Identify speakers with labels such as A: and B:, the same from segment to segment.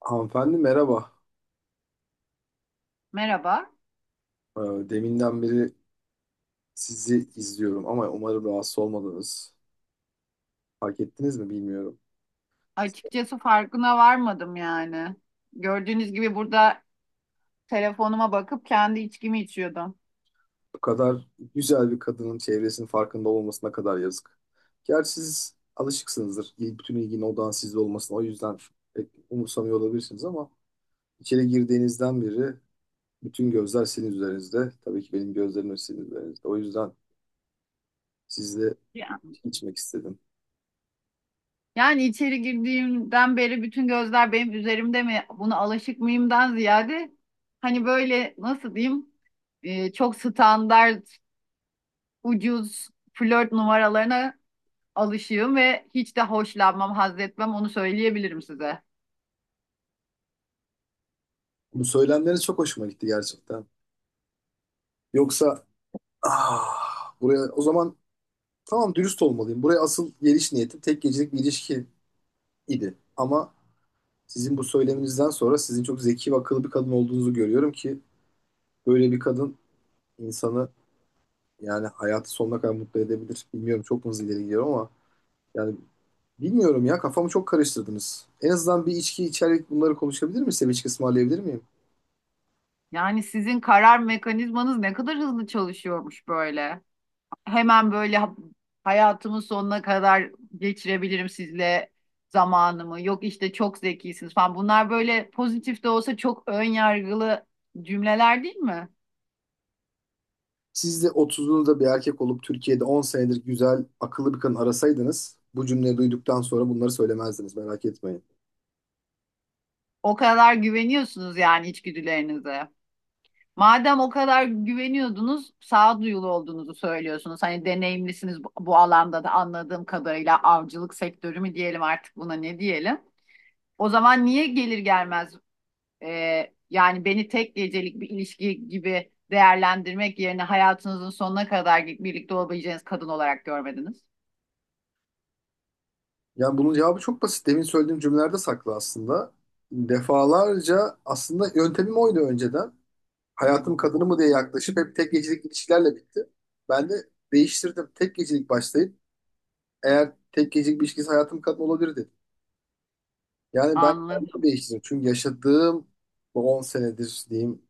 A: Hanımefendi merhaba.
B: Merhaba.
A: Ee, Deminden beri sizi izliyorum ama umarım rahatsız olmadınız. Fark ettiniz mi bilmiyorum.
B: Açıkçası farkına varmadım yani. Gördüğünüz gibi burada telefonuma bakıp kendi içkimi içiyordum.
A: Bu kadar güzel bir kadının çevresinin farkında olmasına kadar yazık. Gerçi siz alışıksınızdır. Bütün ilginin odağın sizde olmasına. O yüzden pek umursamıyor olabilirsiniz ama içeri girdiğinizden beri bütün gözler sizin üzerinizde. Tabii ki benim gözlerim de sizin üzerinizde. O yüzden sizle
B: Ya-
A: içmek istedim.
B: Yani içeri girdiğimden beri bütün gözler benim üzerimde mi? Buna alışık mıyımdan ziyade hani böyle nasıl diyeyim, çok standart ucuz flört numaralarına alışığım ve hiç de hoşlanmam, haz etmem, onu söyleyebilirim size.
A: Bu söylemleriniz çok hoşuma gitti gerçekten. Yoksa Ah, buraya o zaman tamam dürüst olmalıyım. Buraya asıl geliş niyetim tek gecelik bir ilişki idi. Ama sizin bu söyleminizden sonra sizin çok zeki ve akıllı bir kadın olduğunuzu görüyorum ki böyle bir kadın insanı yani hayatı sonuna kadar mutlu edebilir. Bilmiyorum çok mu hızlı ileri gidiyorum ama yani bilmiyorum ya kafamı çok karıştırdınız. En azından bir içki içerek bunları konuşabilir miyiz? Size bir içki ısmarlayabilir miyim?
B: Yani sizin karar mekanizmanız ne kadar hızlı çalışıyormuş böyle. Hemen böyle hayatımın sonuna kadar geçirebilirim sizle zamanımı. Yok işte çok zekisiniz falan. Bunlar böyle pozitif de olsa çok ön yargılı cümleler, değil mi?
A: Siz de 30'unuzda bir erkek olup Türkiye'de 10 senedir güzel, akıllı bir kadın arasaydınız bu cümleyi duyduktan sonra bunları söylemezdiniz merak etmeyin.
B: O kadar güveniyorsunuz yani içgüdülerinize. Madem o kadar güveniyordunuz, sağduyulu olduğunuzu söylüyorsunuz. Hani deneyimlisiniz bu alanda da, anladığım kadarıyla avcılık sektörü mü diyelim artık, buna ne diyelim? O zaman niye gelir gelmez yani beni tek gecelik bir ilişki gibi değerlendirmek yerine hayatınızın sonuna kadar birlikte olabileceğiniz kadın olarak görmediniz.
A: Yani bunun cevabı çok basit. Demin söylediğim cümlelerde saklı aslında. Defalarca aslında yöntemim oydu önceden. Hayatım kadını mı diye yaklaşıp hep tek gecelik ilişkilerle bitti. Ben de değiştirdim. Tek gecelik başlayıp eğer tek gecelik bir ilişkisi hayatım kadın olabilir dedim. Yani ben kendimi
B: Anladım.
A: değiştirdim. Çünkü yaşadığım bu 10 senedir diyeyim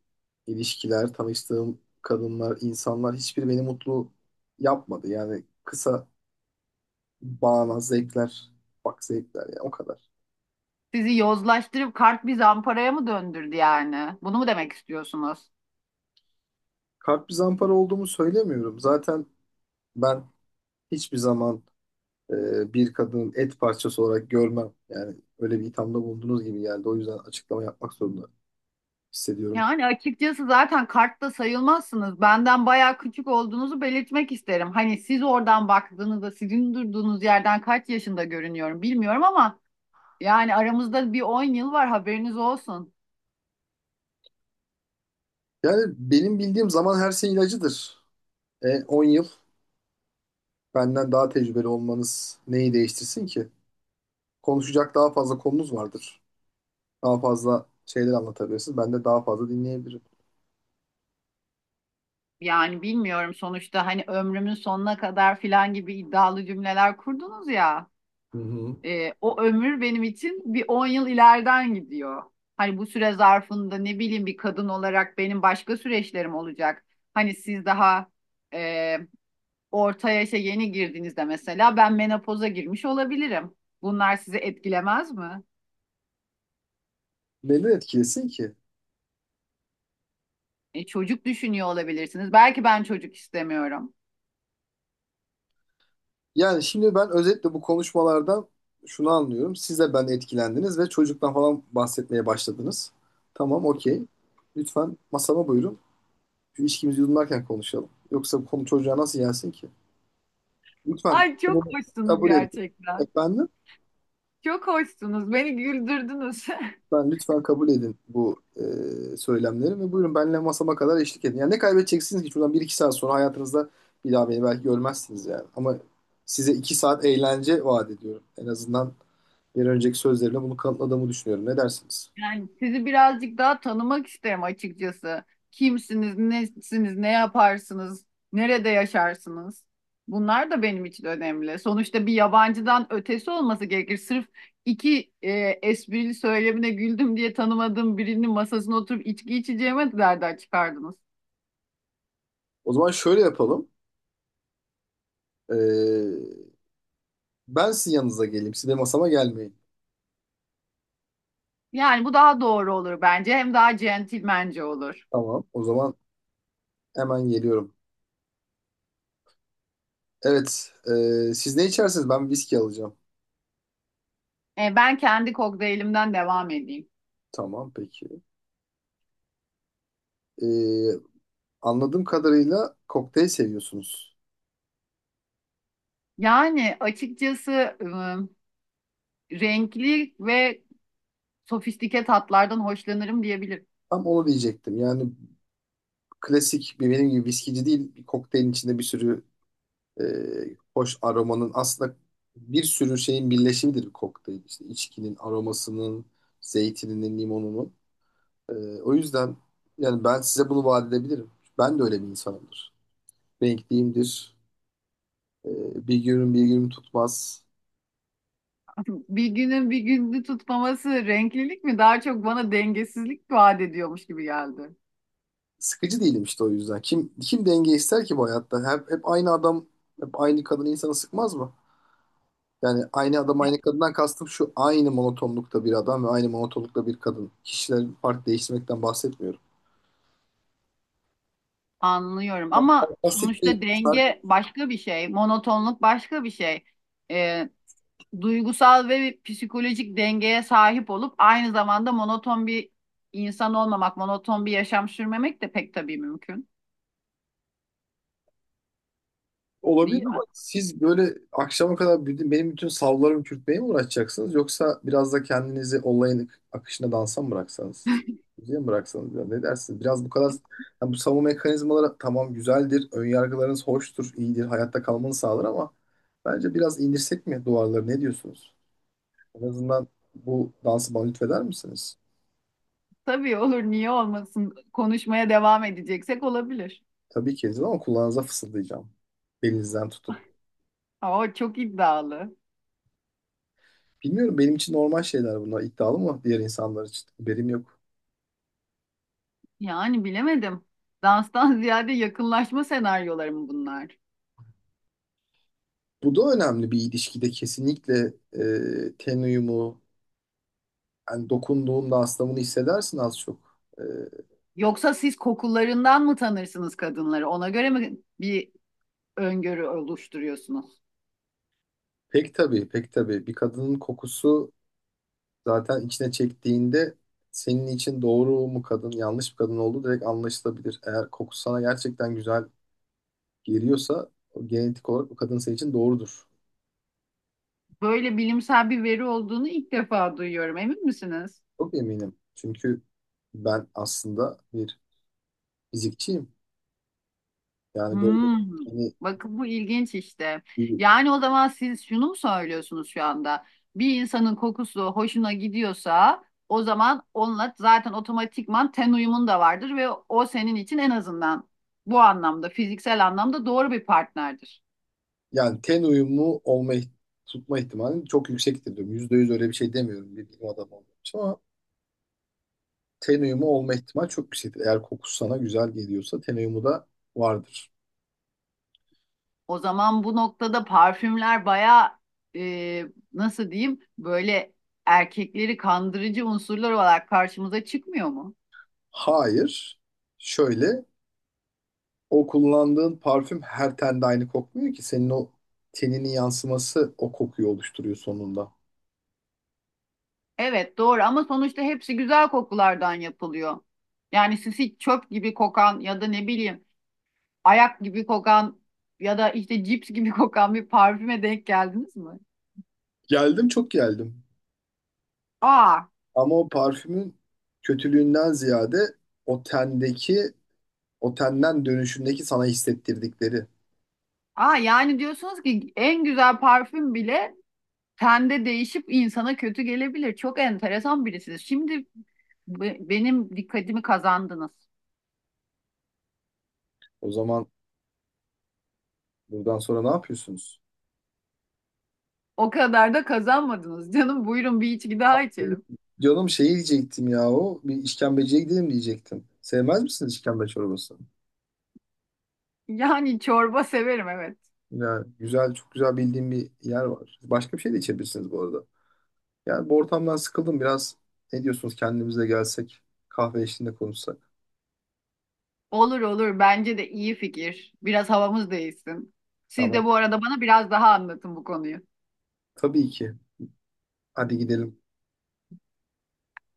A: ilişkiler, tanıştığım kadınlar, insanlar hiçbiri beni mutlu yapmadı. Yani kısa bağnaz zevkler, bak zevkler ya o kadar.
B: Sizi yozlaştırıp kart bir zamparaya mı döndürdü yani? Bunu mu demek istiyorsunuz?
A: Kalp bir zampara olduğumu söylemiyorum. Zaten ben hiçbir zaman bir kadının et parçası olarak görmem. Yani öyle bir ithamda bulunduğunuz gibi geldi. O yüzden açıklama yapmak zorunda hissediyorum ki.
B: Yani açıkçası zaten kartta sayılmazsınız. Benden bayağı küçük olduğunuzu belirtmek isterim. Hani siz oradan baktığınızda sizin durduğunuz yerden kaç yaşında görünüyorum bilmiyorum ama yani aramızda bir 10 yıl var, haberiniz olsun.
A: Yani benim bildiğim zaman her şey ilacıdır. 10 yıl benden daha tecrübeli olmanız neyi değiştirsin ki? Konuşacak daha fazla konunuz vardır. Daha fazla şeyler anlatabilirsiniz. Ben de daha fazla dinleyebilirim.
B: Yani bilmiyorum, sonuçta hani ömrümün sonuna kadar filan gibi iddialı cümleler kurdunuz ya.
A: Hı hı.
B: O ömür benim için bir 10 yıl ileriden gidiyor. Hani bu süre zarfında ne bileyim bir kadın olarak benim başka süreçlerim olacak. Hani siz daha e, orta yaşa yeni girdiğinizde mesela ben menopoza girmiş olabilirim. Bunlar sizi etkilemez mi?
A: Neden etkilesin ki?
B: Çocuk düşünüyor olabilirsiniz. Belki ben çocuk istemiyorum.
A: Yani şimdi ben özetle bu konuşmalardan şunu anlıyorum. Siz de ben etkilendiniz ve çocuktan falan bahsetmeye başladınız. Tamam, okey. Lütfen masama buyurun. Şu içkimizi yudumlarken konuşalım. Yoksa bu konu çocuğa nasıl gelsin ki? Lütfen
B: Ay, çok
A: bunu
B: hoşsunuz
A: kabul edin.
B: gerçekten.
A: Efendim?
B: Çok hoşsunuz. Beni güldürdünüz.
A: Ben lütfen kabul edin bu söylemleri ve buyurun benimle masama kadar eşlik edin. Yani ne kaybedeceksiniz ki? Şuradan bir iki saat sonra hayatınızda bir daha beni belki görmezsiniz yani. Ama size 2 saat eğlence vaat ediyorum. En azından bir önceki sözlerimle bunu kanıtladığımı düşünüyorum. Ne dersiniz?
B: Yani sizi birazcık daha tanımak isterim açıkçası. Kimsiniz, nesiniz, ne yaparsınız, nerede yaşarsınız? Bunlar da benim için önemli. Sonuçta bir yabancıdan ötesi olması gerekir. Sırf iki esprili söylemine güldüm diye tanımadığım birinin masasına oturup içki içeceğime de, nereden çıkardınız?
A: O zaman şöyle yapalım. Ee, ben sizin yanınıza geleyim. Siz de masama gelmeyin.
B: Yani bu daha doğru olur bence. Hem daha centilmence olur.
A: Tamam. O zaman hemen geliyorum. Evet. Siz ne içersiniz? Ben viski alacağım.
B: Ben kendi kokteylimden devam edeyim.
A: Tamam peki. Ee, anladığım kadarıyla kokteyl seviyorsunuz.
B: Yani açıkçası renkli ve sofistike tatlardan hoşlanırım diyebilirim.
A: Tam onu diyecektim. Yani klasik bir benim gibi viskici değil. Bir kokteylin içinde bir sürü e, hoş aromanın aslında bir sürü şeyin birleşimidir bir kokteyl. İşte içkinin aromasının, zeytininin, limonunun. E, o yüzden yani ben size bunu vaat edebilirim. Ben de öyle bir insanımdır. Renkliyimdir. E, bir günüm bir günüm tutmaz.
B: Bir günün bir günü tutmaması renklilik mi? Daha çok bana dengesizlik vaat ediyormuş gibi geldi.
A: Sıkıcı değilim işte o yüzden. Kim denge ister ki bu hayatta? Hep aynı adam, hep aynı kadın insanı sıkmaz mı? Yani aynı adam aynı kadından kastım şu aynı monotonlukta bir adam ve aynı monotonlukta bir kadın. Kişilerin fark değiştirmekten bahsetmiyorum.
B: Anlıyorum ama
A: Basit bir
B: sonuçta
A: sark
B: denge başka bir şey, monotonluk başka bir şey. Ee, Duygusal ve psikolojik dengeye sahip olup aynı zamanda monoton bir insan olmamak, monoton bir yaşam sürmemek de pek tabii mümkün,
A: olabilir
B: değil mi?
A: ama siz böyle akşama kadar benim bütün savlarımı çürütmeye mi uğraşacaksınız yoksa biraz da kendinizi olayın akışına dansa mı bıraksanız? Müziğe mi bıraksanız biraz ne dersiniz? Biraz bu kadar yani bu savunma mekanizmaları tamam güzeldir, ön yargılarınız hoştur, iyidir, hayatta kalmanı sağlar ama bence biraz indirsek mi duvarları ne diyorsunuz? En azından bu dansı bana lütfeder misiniz?
B: Tabii olur, niye olmasın? Konuşmaya devam edeceksek olabilir.
A: Tabii ki edin ama kulağınıza fısıldayacağım. Belinizden tutup.
B: Aa, çok iddialı.
A: Bilmiyorum benim için normal şeyler bunlar iddialı mı diğer insanlar için haberim yok.
B: Yani bilemedim. Danstan ziyade yakınlaşma senaryoları mı bunlar?
A: Bu da önemli bir ilişkide kesinlikle ten uyumu yani dokunduğunda astımını hissedersin az çok. E,
B: Yoksa siz kokularından mı tanırsınız kadınları? Ona göre mi bir öngörü oluşturuyorsunuz?
A: pek tabii pek tabii bir kadının kokusu zaten içine çektiğinde senin için doğru mu kadın yanlış bir kadın olduğu direkt anlaşılabilir. Eğer kokusu sana gerçekten güzel geliyorsa o genetik olarak o kadın senin için doğrudur.
B: Böyle bilimsel bir veri olduğunu ilk defa duyuyorum. Emin misiniz?
A: Çok eminim çünkü ben aslında bir fizikçiyim. Yani böyle
B: Hmm,
A: hani,
B: bakın bu ilginç işte. Yani o zaman siz şunu mu söylüyorsunuz şu anda? Bir insanın kokusu hoşuna gidiyorsa o zaman onunla zaten otomatikman ten uyumun da vardır ve o senin için en azından bu anlamda, fiziksel anlamda doğru bir partnerdir.
A: yani ten uyumu olma tutma ihtimali çok yüksektir diyorum. %100 öyle bir şey demiyorum bir bilim adamı olduğum için ama ten uyumu olma ihtimali çok yüksektir. Eğer kokusu sana güzel geliyorsa ten uyumu da vardır.
B: O zaman bu noktada parfümler baya, nasıl diyeyim böyle, erkekleri kandırıcı unsurlar olarak karşımıza çıkmıyor mu?
A: Hayır. Şöyle o kullandığın parfüm her tende aynı kokmuyor ki. Senin o teninin yansıması o kokuyu oluşturuyor sonunda.
B: Evet doğru, ama sonuçta hepsi güzel kokulardan yapılıyor. Yani sisi çöp gibi kokan ya da ne bileyim ayak gibi kokan ya da işte cips gibi kokan bir parfüme denk geldiniz mi?
A: Geldim çok geldim.
B: Aa,
A: Ama o parfümün kötülüğünden ziyade o tendeki otelden dönüşündeki sana hissettirdikleri.
B: aa, yani diyorsunuz ki en güzel parfüm bile tende değişip insana kötü gelebilir. Çok enteresan birisiniz. Şimdi benim dikkatimi kazandınız.
A: O zaman buradan sonra ne yapıyorsunuz?
B: O kadar da kazanmadınız. Canım, buyurun bir içki daha içelim.
A: Canım şey diyecektim ya o. Bir işkembeciye gidelim diyecektim. Sevmez misiniz işkembe çorbasını?
B: Yani çorba severim, evet.
A: Ya güzel, çok güzel bildiğim bir yer var. Başka bir şey de içebilirsiniz bu arada. Yani bu ortamdan sıkıldım biraz. Ne diyorsunuz kendimize gelsek, kahve eşliğinde konuşsak?
B: Olur olur. Bence de iyi fikir. Biraz havamız değişsin. Siz
A: Tamam.
B: de bu arada bana biraz daha anlatın bu konuyu.
A: Tabii ki. Hadi gidelim.